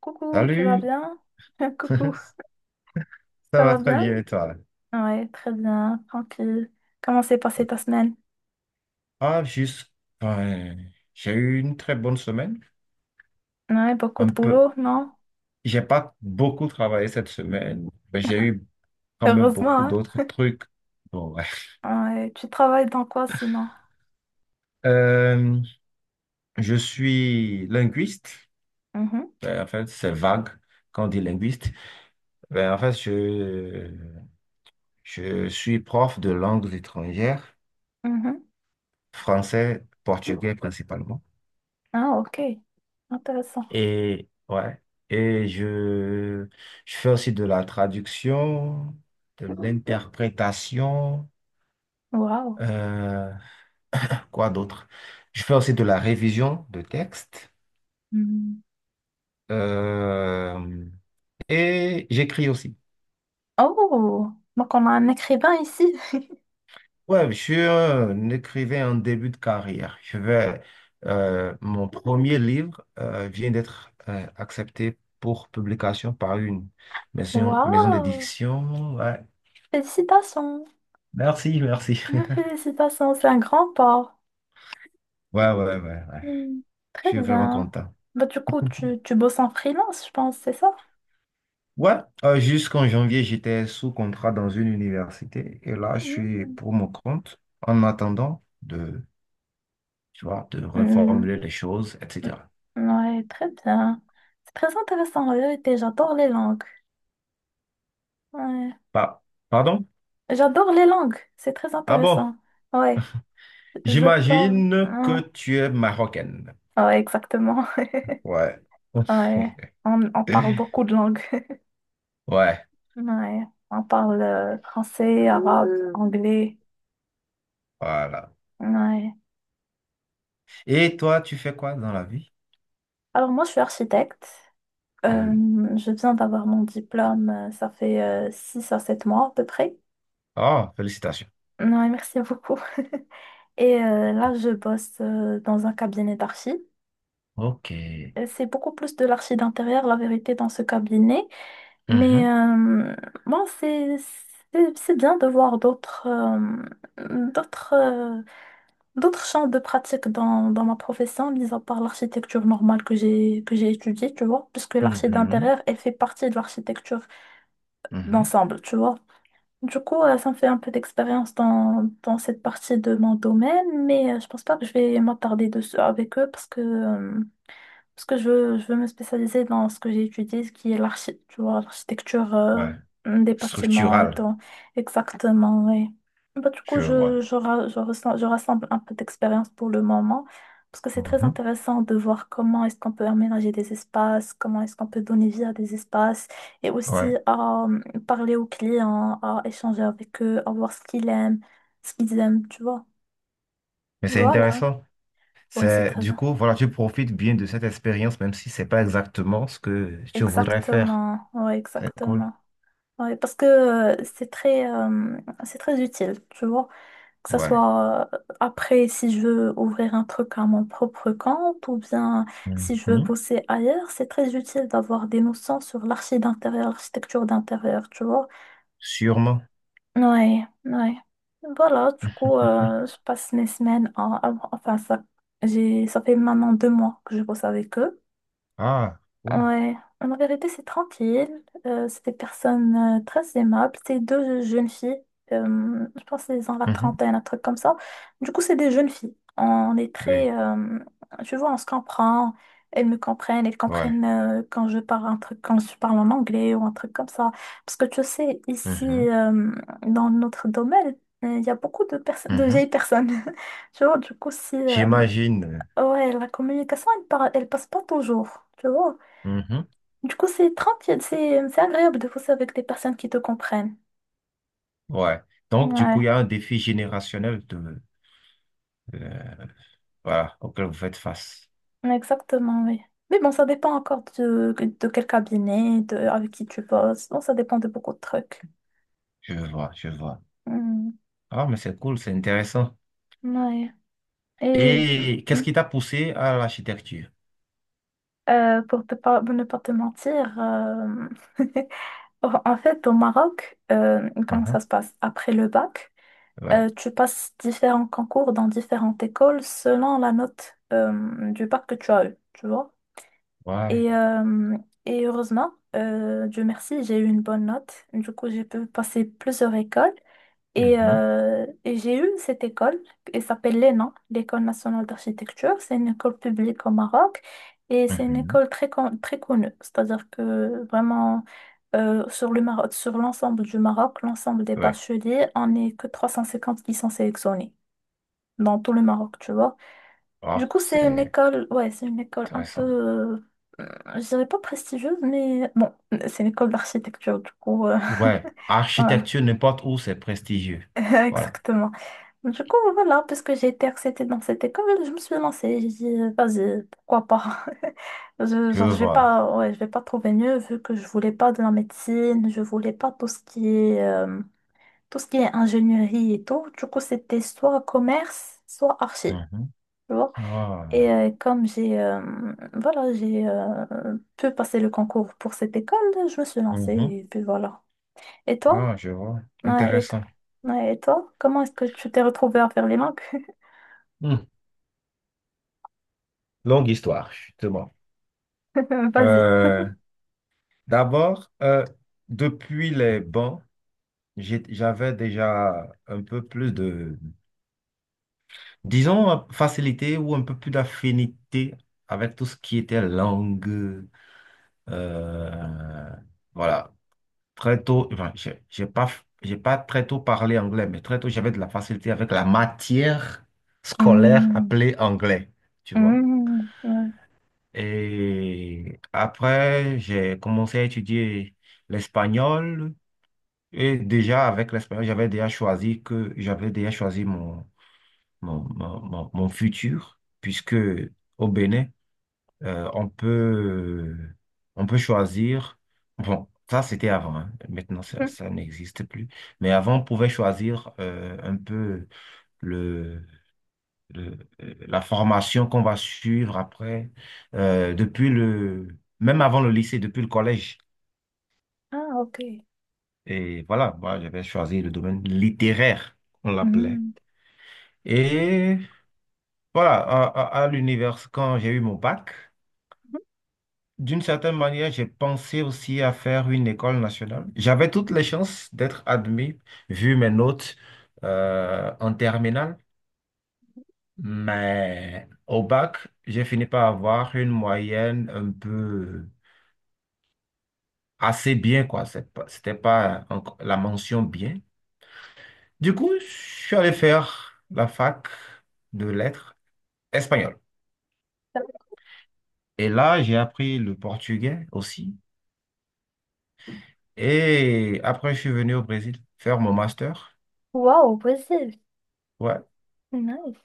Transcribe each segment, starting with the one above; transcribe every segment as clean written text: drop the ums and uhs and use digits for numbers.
Coucou, tu vas Salut, bien? Coucou, ça ça va va très bien? bien et toi? Ouais, très bien, tranquille. Comment s'est passée ta semaine? Ah, juste, ben, j'ai eu une très bonne semaine. Ouais, beaucoup Un de peu, boulot, non? j'ai pas beaucoup travaillé cette semaine, mais j'ai eu quand même beaucoup Heureusement, hein? d'autres trucs. Bon, ouais. Ouais, tu travailles dans quoi sinon? Euh, je suis linguiste. Mhm, Ben, en fait, c'est vague quand on dit linguiste. Ben, en fait, je suis prof de langues étrangères, mhm. français, portugais principalement. Ah, ok. Intéressant. Et ouais, et je fais aussi de la traduction, de l'interprétation. Waouh. euh, quoi d'autre? Je fais aussi de la révision de texte, Hmm. euh, et j'écris aussi. Oh, donc on a un écrivain ici. Ouais, je suis un écrivain en début de carrière. Mon premier livre, vient d'être, accepté pour publication par une maison Waouh. d'édition. Ouais. Félicitations. Merci, merci. Mille Félicitations, c'est un grand pas. Ouais, ouais, ouais, ouais. Hmm. Je Très suis vraiment bien. content. Bah, du coup, tu bosses en freelance, je pense, c'est ça? Ouais, jusqu'en janvier, j'étais sous contrat dans une université et là, je Hmm, suis hmm. pour mon compte en attendant de, tu vois, de Hmm, reformuler les choses, etc. ouais, très bien. C'est très intéressant, en vérité. J'adore les langues. Ouais. Pa- Pardon? J'adore les langues. C'est très Ah bon? intéressant. Ouais, je parle. J'imagine que Hein. tu es marocaine. Ouais, exactement. Ouais. Ouais, on parle beaucoup de langues. Ouais, Ouais, on parle français, arabe, anglais. voilà. Ouais. Et toi, tu fais quoi dans la vie? Alors, moi, je suis architecte. Euh, Cool. je viens d'avoir mon diplôme. Ça fait 6 à 7 mois à peu près. Oh, félicitations. Ouais, merci beaucoup. Et là, je bosse dans un cabinet d'archi. OK. C'est beaucoup plus de l'archi d'intérieur, la vérité, dans ce cabinet. Mais Mhm, bon, c'est bien de voir d'autres euh, d'autres champs de pratique dans, dans ma profession, mis à part l'architecture normale que j'ai étudiée, tu vois, puisque l'archi mhm, d'intérieur, elle fait partie de l'architecture mhm. d'ensemble, tu vois. Du coup, ça me fait un peu d'expérience dans, dans cette partie de mon domaine, mais je pense pas que je vais m'attarder dessus avec eux parce que je veux me spécialiser dans ce que j'ai étudié, ce qui est tu vois, l'architecture Ouais. des bâtiments et Structural, tout. Exactement, oui. Bah, du coup, je vois. Je, ra- je, ressens- je rassemble un peu d'expérience pour le moment, parce que c'est très Mhm. intéressant de voir comment est-ce qu'on peut aménager des espaces, comment est-ce qu'on peut donner vie à des espaces, et aussi Ouais, à parler aux clients, à échanger avec eux, à voir ce qu'ils aiment, tu vois. mais c'est Voilà, intéressant. ouais, C'est du coup, voilà, tu profites bien de cette expérience, même si c'est pas exactement ce que tu voudrais faire. Exactement, ouais, C'est cool. exactement. Ouais, parce que c'est très utile, tu vois. Que ce Ouais. soit après, si je veux ouvrir un truc à mon propre compte ou bien si je veux Mhm. bosser ailleurs, c'est très utile d'avoir des notions sur l'archi d'intérieur, l'architecture d'intérieur, tu vois. Sûrement. Ouais, ouais. Voilà, du coup, je passe mes semaines enfin, ça fait maintenant 2 mois que je bosse avec eux. Ah, cool. Ouais, en vérité, c'est tranquille. C'est des personnes très aimables. C'est deux jeunes filles. Je pense qu'elles ont la Mhm. trentaine, un truc comme ça. Du coup, c'est des jeunes filles. On est très. Oui, Tu vois, on se comprend. Elles me comprennent. Elles ouais. comprennent quand je parle un truc, quand je parle en anglais ou un truc comme ça. Parce que tu sais, ici, Mhm. Dans notre domaine, il y a beaucoup de personnes, de Mhm. vieilles personnes. Tu vois, du coup, si. J'imagine. Ouais, la communication, elle, par- elle passe pas toujours. Tu vois. Mhm. Du coup, c'est tranquille, c'est agréable de bosser avec des personnes qui te comprennent. Ouais. Donc, du Ouais, coup, il y a un défi générationnel de, euh, voilà, auquel vous faites face. exactement, oui. Mais bon, ça dépend encore de quel cabinet, de, avec qui tu bosses. Bon, ça dépend de beaucoup de trucs. Je vois, je vois. Hmm, Ah, mais c'est cool, c'est intéressant. ouais. Et Et qu'est-ce hmm, qui t'a poussé à l'architecture? Pour, pour ne pas te mentir, en fait, au Maroc, comment Mhm. ça se passe? Après le bac, Ouais. Tu passes différents concours dans différentes écoles selon la note du bac que tu as eu, tu vois? Ouais. Et, et heureusement, Dieu merci, j'ai eu une bonne note. Du coup, j'ai pu passer plusieurs écoles. Et, Mhm, et j'ai eu cette école, elle s'appelle l'ENA, l'École nationale d'architecture. C'est une école publique au Maroc et c'est une mhm. école très connue. C'est-à-dire que vraiment, sur le Maroc, sur l'ensemble du Maroc, l'ensemble des Ouais. bacheliers, on n'est que 350 qui sont sélectionnés dans tout le Maroc, tu vois. Du Ah, coup, c'est c'est une école un peu intéressant. Je dirais pas prestigieuse, mais bon, c'est une école d'architecture, du coup, Ouais. voilà, Architecture, n'importe où, c'est prestigieux. Voilà. exactement. Du coup, voilà, puisque j'ai été acceptée dans cette école, je me suis lancée. J'ai dit, vas-y, pourquoi pas? Je, Je genre, je vais vois. pas, ouais, je vais pas trouver mieux, vu que je voulais pas de la médecine, je voulais pas tout ce qui est ingénierie et tout. Du coup, c'était soit commerce, soit archi. Mhm. Et Ah. Comme j'ai voilà, j'ai pu passer le concours pour cette école, je me suis lancée Mhm. et puis voilà. Et toi? Ah, je vois. Ouais, et toi? Intéressant. Ouais, et toi? Comment est-ce que tu t'es retrouvée à faire les langues? Hmm. Longue histoire, justement. Vas-y. Euh, D'abord, depuis les bancs, j'avais déjà un peu plus de, disons, facilité ou un peu plus d'affinité avec tout ce qui était langue. euh, voilà. Très tôt, enfin, j'ai pas très tôt parlé anglais, mais très tôt, j'avais de la facilité avec la matière scolaire Hmm, appelée anglais, tu vois. hmm, ouais. Et après, j'ai commencé à étudier l'espagnol. Et déjà, avec l'espagnol, j'avais déjà choisi mon futur, puisque au Bénin, euh, on peut, on peut choisir. Bon, ça c'était avant, hein. Maintenant ça, Hmm. ça n'existe plus. Mais avant, on pouvait choisir un peu le, la formation qu'on va suivre après, même avant le lycée, depuis le collège. Ah, ok. Et voilà, moi j'avais choisi le domaine littéraire, on l'appelait. Hmm. Et voilà, à l'univers, quand j'ai eu mon bac. D'une certaine manière, j'ai pensé aussi à faire une école nationale. J'avais toutes les chances d'être admis, vu mes notes en terminale, mais au bac, j'ai fini par avoir une moyenne un peu assez bien, quoi. C'était pas encore la mention bien. Du coup, je suis allé faire la fac de lettres espagnole. Et là, j'ai appris le portugais aussi. Et après, je suis venu au Brésil faire mon master. Wow, y Ouais. nice.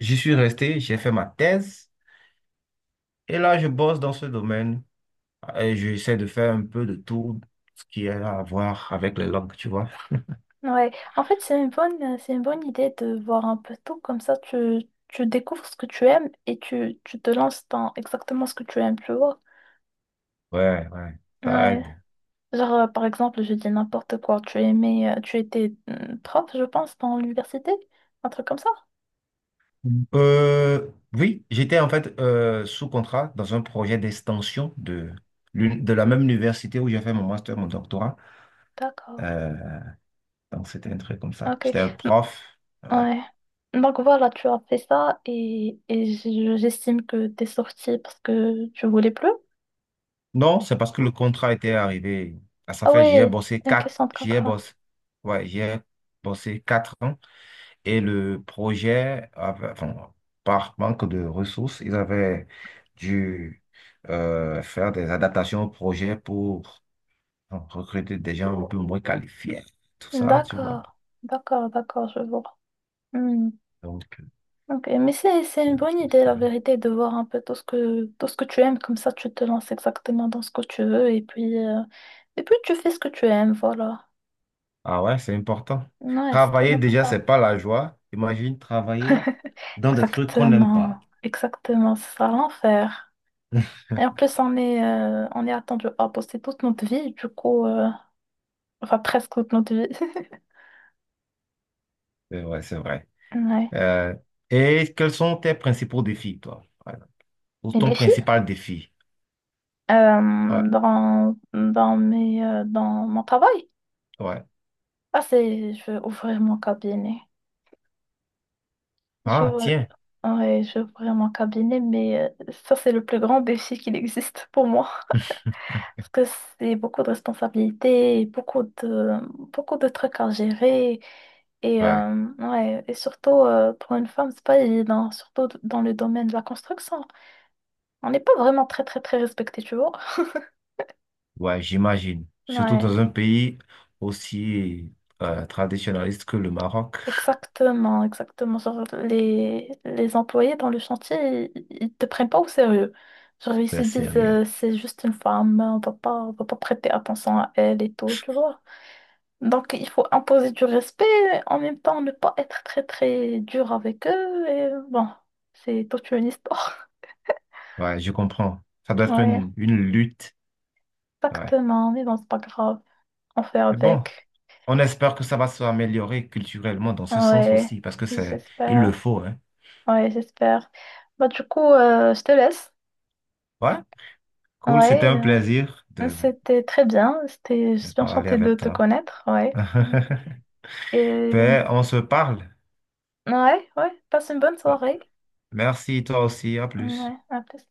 J'y suis resté, j'ai fait ma thèse et là, je bosse dans ce domaine. Et j'essaie de faire un peu de tout ce qui a à voir avec les langues, tu vois. Ouais. En fait, c'est une bonne idée de voir un peu tout. Comme ça, tu découvres ce que tu aimes et tu te lances dans exactement ce que tu aimes, tu vois. Ouais, ouais, ça Ouais. aide. Genre, par exemple, je dis n'importe quoi. Tu étais prof, je pense, dans l'université? Un truc comme ça? Mm. Oui, j'étais en fait sous contrat dans un projet d'extension de, de la même université où j'ai fait mon master, mon doctorat. D'accord. Euh, donc, c'était un truc comme ça. Ok. J'étais un M- prof. Ouais. Ouais. Donc voilà, tu as fait ça et, j'estime que t'es sortie parce que tu voulais plus. Non, c'est parce que le contrat était arrivé à sa Ah fin. J'y ai ouais, bossé c'est une quatre. question de J'y ai contrat. bossé. Ouais, j'y ai bossé quatre ans. Et le projet, enfin, par manque de ressources, ils avaient dû faire des adaptations au projet pour enfin, recruter des gens un peu moins qualifiés. Tout ça, tu vois. D'accord. D'accord, d'accord, je vois. Hmm. Donc, Ok, mais c'est euh, une bonne idée, la ça- vérité, de voir un peu tout ce que tu aimes, comme ça tu te lances exactement dans ce que tu veux et puis tu fais ce que tu aimes, voilà. ah, ouais, c'est important. Ouais, c'est très Travailler déjà, important. c'est pas la joie. Imagine travailler dans des trucs qu'on n'aime Exactement, pas. exactement, c'est ça l'enfer. Et en plus on est attendu à bosser toute notre vie, enfin presque toute notre vie. C'est vrai, c'est vrai. Ouais. Euh, et quels sont tes principaux défis, toi? Voilà. Ou Les ton défis principal défi? Ouais, dans mes dans mon travail. ouais. Ah c'est je vais ouvrir mon cabinet. Ah, J'ouvre, tiens. ouais, j'ouvrirai mon cabinet, mais ça, c'est le plus grand défi qu'il existe pour moi. Parce que c'est beaucoup de responsabilités, beaucoup de trucs à gérer. Et, Ouais. Ouais, et surtout, pour une femme, c'est pas évident, surtout dans le domaine de la construction. On n'est pas vraiment très respecté, tu vois. Ouais, j'imagine. Surtout Ouais. dans un pays aussi traditionnaliste que le Maroc. Exactement, exactement. Genre, les employés dans le chantier, ils te prennent pas au sérieux. Genre, ils se C'est disent, sérieux. C'est juste une femme, on va pas prêter attention à elle et tout, tu vois. Donc, il faut imposer du respect, en même temps, ne pas être très dur avec eux. Et bon, c'est toute une histoire. Ouais, je comprends. Ça doit être Ouais, une lutte. Ouais. exactement. Mais bon, c'est pas grave. On fait Mais bon, avec. on espère que ça va s'améliorer culturellement dans ce sens Ouais, aussi, parce que c'est, il le j'espère. faut, hein. Ouais, j'espère. Bah, du coup, je te laisse. Ouais, cool, c'était Ouais. un plaisir de, C'était très bien, c'était, je de suis bien parler enchantée de avec te toi. connaître, ouais. Et Ben, on se parle. ouais, ouais, passe une bonne Euh, soirée. Merci, toi aussi, à plus. Ouais, à plus.